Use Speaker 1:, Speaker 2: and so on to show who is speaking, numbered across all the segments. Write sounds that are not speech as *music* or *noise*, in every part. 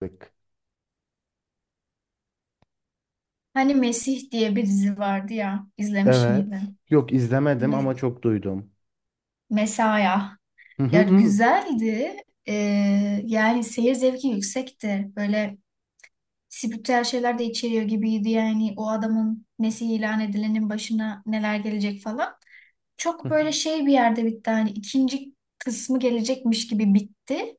Speaker 1: Bak.
Speaker 2: Hani Mesih diye bir dizi vardı ya, izlemiş
Speaker 1: Evet.
Speaker 2: miydin?
Speaker 1: Yok izlemedim
Speaker 2: Me-
Speaker 1: ama çok duydum.
Speaker 2: Mesaya.
Speaker 1: Hı hı
Speaker 2: Ya
Speaker 1: hı.
Speaker 2: güzeldi. Ee, yani seyir zevki yüksekti. Böyle spiritüel şeyler de içeriyor gibiydi. Yani o adamın Mesih ilan edilenin başına neler gelecek falan.
Speaker 1: Hı
Speaker 2: Çok böyle
Speaker 1: hı.
Speaker 2: şey bir yerde bitti. Hani ikinci kısmı gelecekmiş gibi bitti.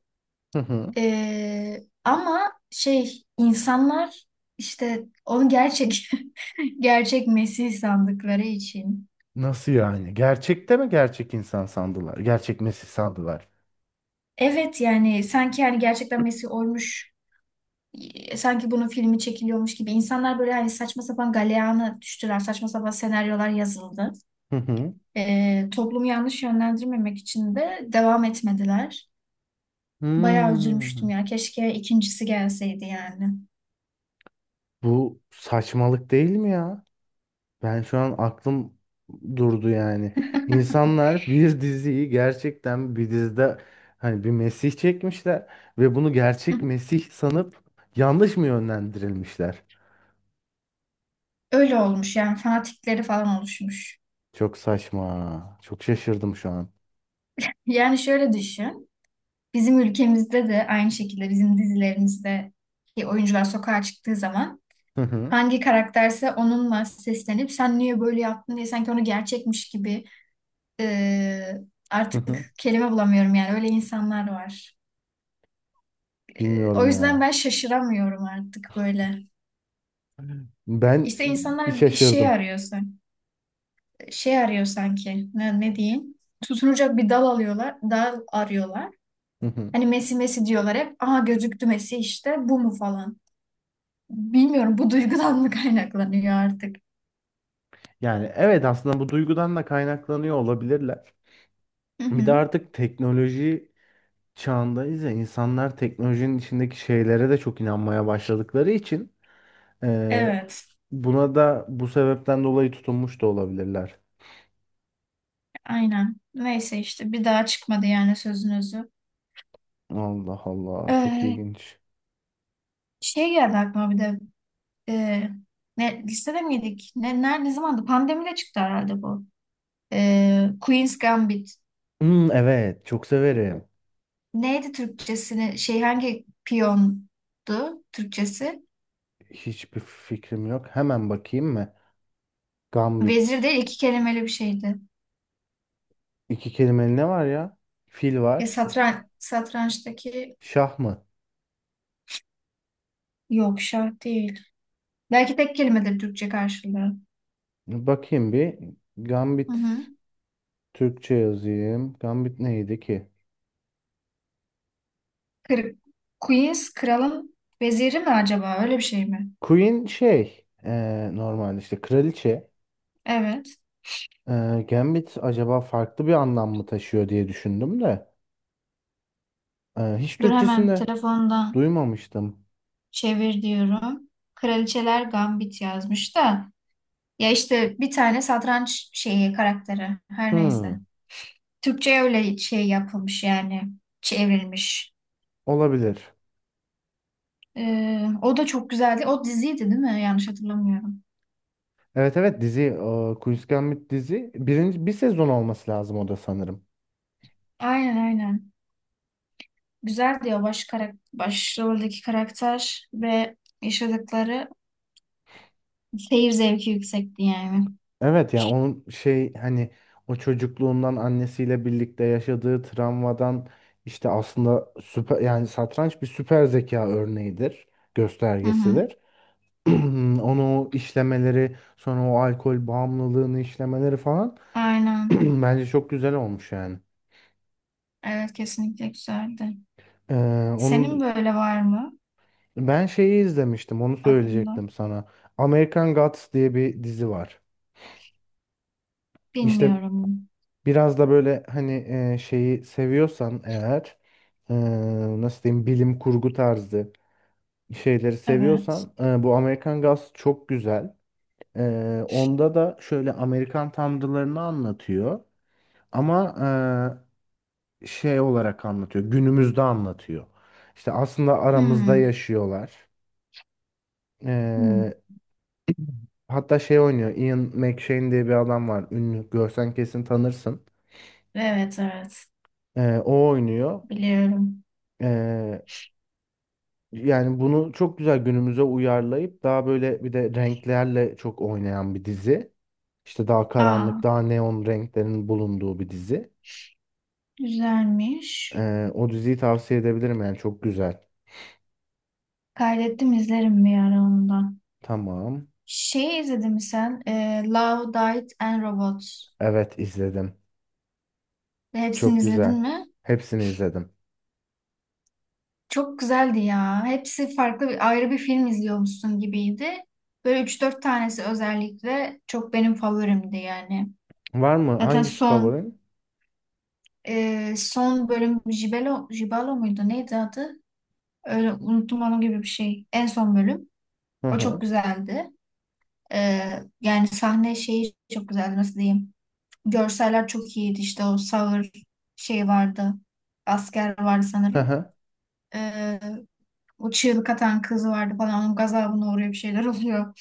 Speaker 1: Hı.
Speaker 2: Ama şey insanlar işte onu gerçek *laughs* gerçek Mesih sandıkları için.
Speaker 1: Nasıl yani? Gerçekte mi gerçek insan sandılar? Gerçek Mesih sandılar.
Speaker 2: Evet yani sanki yani gerçekten Messi oymuş sanki bunun filmi çekiliyormuş gibi insanlar böyle hani saçma sapan galeyana düştüler saçma sapan senaryolar yazıldı.
Speaker 1: Hı hı.
Speaker 2: Toplumu yanlış yönlendirmemek için de devam etmediler. Bayağı
Speaker 1: Hmm.
Speaker 2: üzülmüştüm ya keşke ikincisi gelseydi yani.
Speaker 1: Bu saçmalık değil mi ya? Ben şu an aklım durdu yani. İnsanlar bir diziyi gerçekten bir dizide hani bir Mesih çekmişler ve bunu gerçek
Speaker 2: *laughs*
Speaker 1: Mesih sanıp yanlış mı yönlendirilmişler?
Speaker 2: Öyle olmuş yani fanatikleri falan oluşmuş.
Speaker 1: Çok saçma. Çok şaşırdım şu an.
Speaker 2: Yani şöyle düşün. Bizim ülkemizde de aynı şekilde bizim dizilerimizde ki oyuncular sokağa çıktığı zaman
Speaker 1: *laughs*
Speaker 2: hangi karakterse onunla seslenip sen niye böyle yaptın diye sanki onu gerçekmiş gibi e,
Speaker 1: Hı
Speaker 2: artık
Speaker 1: hı.
Speaker 2: kelime bulamıyorum yani öyle insanlar var. O
Speaker 1: Bilmiyorum
Speaker 2: yüzden
Speaker 1: ya.
Speaker 2: ben şaşıramıyorum artık böyle.
Speaker 1: Ben
Speaker 2: İşte
Speaker 1: bir
Speaker 2: insanlar bir şey
Speaker 1: şaşırdım.
Speaker 2: arıyorsa, şey arıyor sanki ne, ne diyeyim? Tutunacak bir dal alıyorlar, dal arıyorlar.
Speaker 1: Hı hı.
Speaker 2: Hani Messi Messi diyorlar hep. Aha gözüktü Messi işte bu mu falan. Bilmiyorum bu duygudan mı *laughs* kaynaklanıyor artık.
Speaker 1: Yani evet aslında bu duygudan da kaynaklanıyor olabilirler.
Speaker 2: Hı
Speaker 1: Bir de
Speaker 2: hı.
Speaker 1: artık teknoloji çağındayız ya, insanlar teknolojinin içindeki şeylere de çok inanmaya başladıkları için e,
Speaker 2: Evet.
Speaker 1: buna da bu sebepten dolayı tutunmuş da olabilirler.
Speaker 2: Aynen. Neyse işte bir daha çıkmadı yani sözün özü.
Speaker 1: Allah Allah, çok
Speaker 2: Ee,
Speaker 1: ilginç.
Speaker 2: şey geldi aklıma bir de ee, ne, listede miydik? Ne, nerede, ne zamandı? Pandemide çıktı herhalde bu. Queen's Gambit.
Speaker 1: Hmm, evet çok severim.
Speaker 2: Neydi Türkçesini? Şey hangi piyondu Türkçesi?
Speaker 1: Hiçbir fikrim yok. Hemen bakayım mı?
Speaker 2: Vezir
Speaker 1: Gambit.
Speaker 2: değil iki kelimeli bir şeydi.
Speaker 1: İki kelimeli ne var ya? Fil var.
Speaker 2: Satrançtaki
Speaker 1: Şah mı?
Speaker 2: yok şah değil. Belki tek kelimedir Türkçe karşılığı.
Speaker 1: Bakayım bir.
Speaker 2: Hı
Speaker 1: Gambit.
Speaker 2: hı.
Speaker 1: Türkçe yazayım. Gambit neydi ki?
Speaker 2: Kır- Queen's kralın veziri mi acaba? Öyle bir şey mi?
Speaker 1: Queen şey normalde işte kraliçe.
Speaker 2: Evet.
Speaker 1: Gambit acaba farklı bir anlam mı taşıyor diye düşündüm de. Hiç
Speaker 2: Dur hemen
Speaker 1: Türkçesinde
Speaker 2: telefondan
Speaker 1: duymamıştım.
Speaker 2: çevir diyorum. Kraliçeler Gambit yazmış da. Ya işte bir tane satranç şeyi karakteri. Her neyse.
Speaker 1: Hmm,
Speaker 2: Türkçe'ye öyle şey yapılmış yani. Çevrilmiş.
Speaker 1: olabilir.
Speaker 2: O da çok güzeldi. O diziydi değil mi? Yanlış hatırlamıyorum.
Speaker 1: Evet evet, dizi, Queen's Gambit dizi, birinci bir sezon olması lazım o da sanırım.
Speaker 2: Aynen aynen. Güzeldi o başroldeki karakter ve yaşadıkları seyir zevki yüksekti yani.
Speaker 1: Evet yani onun şey hani o çocukluğundan annesiyle birlikte yaşadığı travmadan işte, aslında süper yani, satranç bir süper zeka örneğidir,
Speaker 2: Hı hı.
Speaker 1: göstergesidir. *clears throat* Onu o işlemeleri, sonra o alkol bağımlılığını işlemeleri falan, *clears throat*
Speaker 2: Aynen.
Speaker 1: bence çok güzel olmuş yani.
Speaker 2: Evet kesinlikle güzeldi.
Speaker 1: Ee,
Speaker 2: Senin
Speaker 1: onun
Speaker 2: böyle var mı
Speaker 1: ben şeyi izlemiştim, onu
Speaker 2: aklımda?
Speaker 1: söyleyecektim sana. American Gods diye bir dizi var. İşte,
Speaker 2: Bilmiyorum.
Speaker 1: biraz da böyle hani şeyi seviyorsan eğer e, nasıl diyeyim, bilim kurgu tarzı şeyleri
Speaker 2: Evet.
Speaker 1: seviyorsan bu Amerikan Gods çok güzel. E, onda da şöyle Amerikan tanrılarını anlatıyor ama şey olarak anlatıyor, günümüzde anlatıyor. İşte aslında aramızda
Speaker 2: Hmm.
Speaker 1: yaşıyorlar.
Speaker 2: Hmm.
Speaker 1: E, hatta şey oynuyor, Ian McShane diye bir adam var, ünlü, görsen kesin tanırsın.
Speaker 2: Evet evet.
Speaker 1: E, o oynuyor.
Speaker 2: Biliyorum.
Speaker 1: E, Yani bunu çok güzel günümüze uyarlayıp, daha böyle bir de renklerle çok oynayan bir dizi. İşte daha
Speaker 2: Aa,
Speaker 1: karanlık, daha neon renklerin bulunduğu bir dizi.
Speaker 2: güzelmiş.
Speaker 1: O diziyi tavsiye edebilirim, yani çok güzel.
Speaker 2: Kaydettim izlerim bir ara onu da.
Speaker 1: Tamam.
Speaker 2: Şey izledin mi sen? Love, Death and Robots.
Speaker 1: Evet, izledim.
Speaker 2: Hepsini
Speaker 1: Çok
Speaker 2: izledin
Speaker 1: güzel.
Speaker 2: mi?
Speaker 1: Hepsini izledim.
Speaker 2: Çok güzeldi ya. Hepsi farklı bir, ayrı bir film izliyormuşsun gibiydi. Böyle üç dört tanesi özellikle çok benim favorimdi yani.
Speaker 1: Var mı?
Speaker 2: Zaten
Speaker 1: Hangisi favorin?
Speaker 2: son bölüm Jibelo, Jibalo muydu? Neydi adı? Öyle unuttum onu gibi bir şey. En son bölüm.
Speaker 1: Hı
Speaker 2: O çok
Speaker 1: hı.
Speaker 2: güzeldi. Yani sahne şeyi çok güzeldi nasıl diyeyim. Görseller çok iyiydi işte o sağır şey vardı. Asker vardı
Speaker 1: Hı
Speaker 2: sanırım.
Speaker 1: hı.
Speaker 2: Ee, o çığlık atan kız vardı falan. Onun gazabına uğruyor bir şeyler *laughs* oluyor.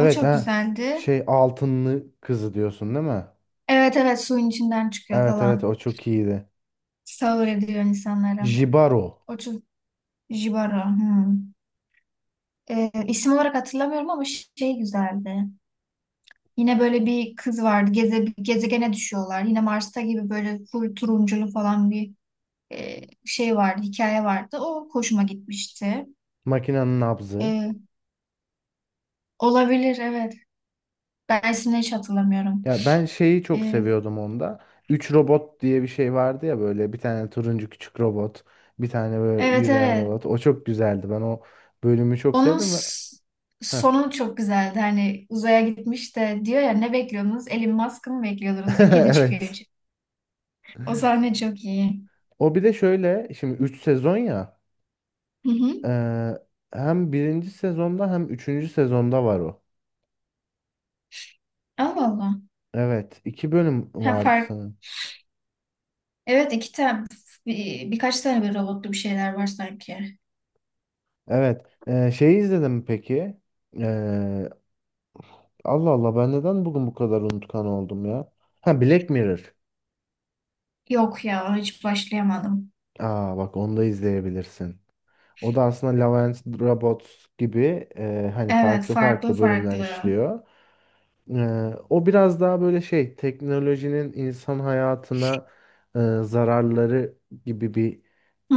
Speaker 2: O çok
Speaker 1: ha.
Speaker 2: güzeldi.
Speaker 1: Şey Altınlı Kızı diyorsun değil mi?
Speaker 2: Evet evet suyun içinden çıkıyor
Speaker 1: Evet evet,
Speaker 2: falan.
Speaker 1: o çok iyiydi.
Speaker 2: Sağır
Speaker 1: J-
Speaker 2: ediyor insanları.
Speaker 1: Jibaro.
Speaker 2: O çok Jibaro. Hmm. İsim olarak hatırlamıyorum ama şey güzeldi. Yine böyle bir kız vardı. Gezegene düşüyorlar. Yine Mars'ta gibi böyle full turunculu falan bir şey vardı. Hikaye vardı. O hoşuma gitmişti.
Speaker 1: Makinenin nabzı.
Speaker 2: E, olabilir evet. Ben ismini hiç hatırlamıyorum.
Speaker 1: Ya ben şeyi çok
Speaker 2: E,
Speaker 1: seviyordum onda. 3 robot diye bir şey vardı ya, böyle bir tane turuncu küçük robot, bir tane böyle
Speaker 2: evet
Speaker 1: yürüyen
Speaker 2: evet.
Speaker 1: robot. O çok güzeldi. Ben o bölümü çok
Speaker 2: Onun
Speaker 1: sevdim ve
Speaker 2: s-
Speaker 1: heh.
Speaker 2: sonu çok güzeldi. Hani uzaya gitmiş de diyor ya ne bekliyordunuz? Elon Musk'ı mı bekliyordunuz diyor. Kedi çıkıyor.
Speaker 1: *laughs* Evet.
Speaker 2: İçi. O sahne çok iyi.
Speaker 1: O bir de şöyle, şimdi 3 sezon ya.
Speaker 2: Hı hı.
Speaker 1: eee, hem birinci sezonda hem üçüncü sezonda var o.
Speaker 2: Allah Allah.
Speaker 1: Evet. 2 bölüm
Speaker 2: Ha,
Speaker 1: vardı
Speaker 2: fark.
Speaker 1: sanırım.
Speaker 2: Evet iki tane birkaç tane bir robotlu bir şeyler var sanki.
Speaker 1: Evet. Şeyi izledim mi peki. Eee, Allah Allah, ben neden bugün bu kadar unutkan oldum ya? Ha, Black Mirror.
Speaker 2: Yok ya hiç başlayamadım.
Speaker 1: Aa, bak onu da izleyebilirsin. O da aslında Love and Robots gibi hani
Speaker 2: Evet
Speaker 1: farklı
Speaker 2: farklı
Speaker 1: farklı bölümler
Speaker 2: farklı.
Speaker 1: işliyor. E, o biraz daha böyle şey, teknolojinin insan hayatına zararları gibi bir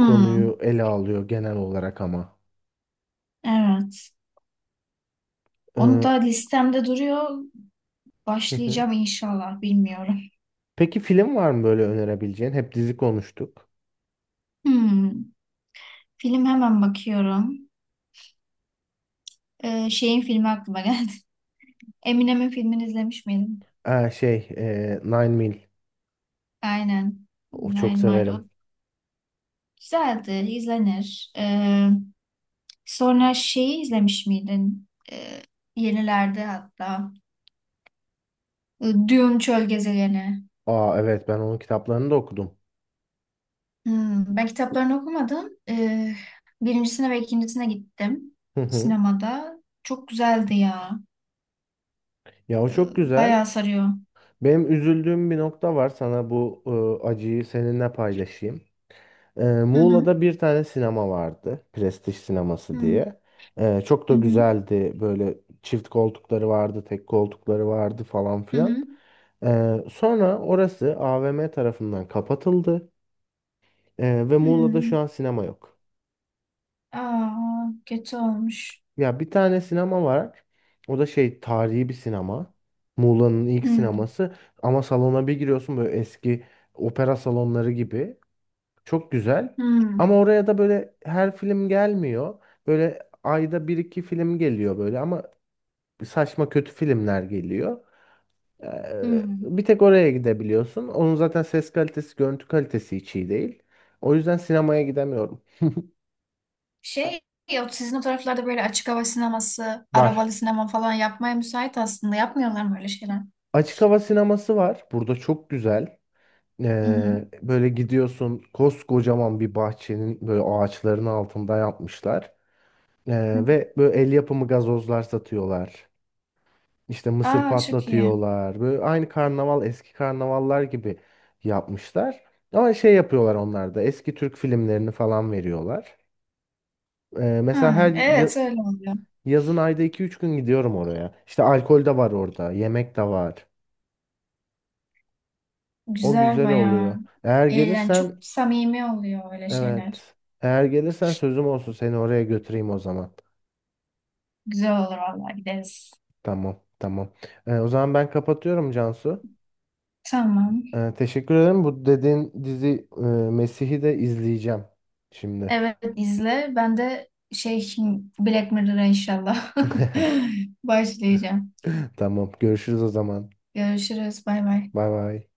Speaker 1: konuyu ele alıyor genel olarak ama.
Speaker 2: evet.
Speaker 1: E,
Speaker 2: Onu da
Speaker 1: hı
Speaker 2: listemde duruyor.
Speaker 1: hı.
Speaker 2: Başlayacağım inşallah bilmiyorum.
Speaker 1: Peki film var mı böyle önerebileceğin? Hep dizi konuştuk.
Speaker 2: Hmm, film hemen bakıyorum. Şeyin filmi aklıma geldi. *laughs* Eminem'in filmini izlemiş miydim?
Speaker 1: Şey Nine Mil.
Speaker 2: Aynen.
Speaker 1: O çok
Speaker 2: Nine Mile. O
Speaker 1: severim.
Speaker 2: güzeldi. İzlenir. Sonra şeyi izlemiş miydin? Yenilerde hatta. Dune Çöl Gezegeni.
Speaker 1: Aa evet, ben onun kitaplarını da okudum.
Speaker 2: Hmm, ben kitaplarını okumadım. Birincisine ve ikincisine gittim
Speaker 1: Hı hı.
Speaker 2: sinemada. Çok güzeldi ya.
Speaker 1: Ya o
Speaker 2: Ee,
Speaker 1: çok güzel.
Speaker 2: bayağı sarıyor.
Speaker 1: Benim üzüldüğüm bir nokta var. Sana bu acıyı seninle paylaşayım.
Speaker 2: Hı hı.
Speaker 1: Muğla'da bir tane sinema vardı. Prestij
Speaker 2: Hı
Speaker 1: sineması
Speaker 2: hı.
Speaker 1: diye. Çok
Speaker 2: Hı
Speaker 1: da
Speaker 2: hı.
Speaker 1: güzeldi. Böyle çift koltukları vardı, tek koltukları vardı falan filan.
Speaker 2: hı.
Speaker 1: Sonra orası AVM tarafından kapatıldı. Ve Muğla'da
Speaker 2: Hmm.
Speaker 1: şu an sinema yok.
Speaker 2: Aa, kötü olmuş.
Speaker 1: Ya bir tane sinema var. O da şey, tarihi bir sinema. Muğla'nın ilk
Speaker 2: Hmm.
Speaker 1: sineması. Ama salona bir giriyorsun böyle, eski opera salonları gibi. Çok güzel.
Speaker 2: Hmm.
Speaker 1: Ama oraya da böyle her film gelmiyor. Böyle ayda bir iki film geliyor böyle ama saçma kötü filmler geliyor.
Speaker 2: Hmm.
Speaker 1: Bir tek oraya gidebiliyorsun. Onun zaten ses kalitesi, görüntü kalitesi hiç iyi değil. O yüzden sinemaya gidemiyorum.
Speaker 2: Şey yok sizin o taraflarda böyle açık hava sineması,
Speaker 1: Var.
Speaker 2: arabalı sinema falan yapmaya müsait aslında. Yapmıyorlar mı öyle şeyler?
Speaker 1: Açık hava sineması var. Burada çok güzel.
Speaker 2: Hı hı.
Speaker 1: Böyle gidiyorsun, koskocaman bir bahçenin böyle ağaçların altında yapmışlar.
Speaker 2: Hı.
Speaker 1: Ve böyle el yapımı gazozlar satıyorlar. İşte mısır
Speaker 2: Aa çok iyi.
Speaker 1: patlatıyorlar. Böyle aynı karnaval, eski karnavallar gibi yapmışlar. Ama şey yapıyorlar onlar da. Eski Türk filmlerini falan veriyorlar. Mesela her
Speaker 2: Ha, evet öyle oluyor.
Speaker 1: yazın ayda iki üç gün gidiyorum oraya. İşte alkol de var orada, yemek de var. O
Speaker 2: Güzel
Speaker 1: güzel
Speaker 2: bayağı.
Speaker 1: oluyor. Eğer
Speaker 2: Eğlen çok
Speaker 1: gelirsen,
Speaker 2: samimi oluyor öyle şeyler.
Speaker 1: evet. Eğer gelirsen sözüm olsun, seni oraya götüreyim o zaman.
Speaker 2: Güzel olur vallahi gideriz.
Speaker 1: Tamam, tamam. O zaman ben kapatıyorum Cansu.
Speaker 2: Tamam.
Speaker 1: Teşekkür ederim. Bu dediğin dizi Mesih'i de izleyeceğim şimdi.
Speaker 2: Evet izle. Ben de şey Black Mirror'a inşallah
Speaker 1: *laughs*
Speaker 2: *laughs* başlayacağım.
Speaker 1: Tamam. Görüşürüz o zaman.
Speaker 2: Görüşürüz. Bay bay.
Speaker 1: Bay bay.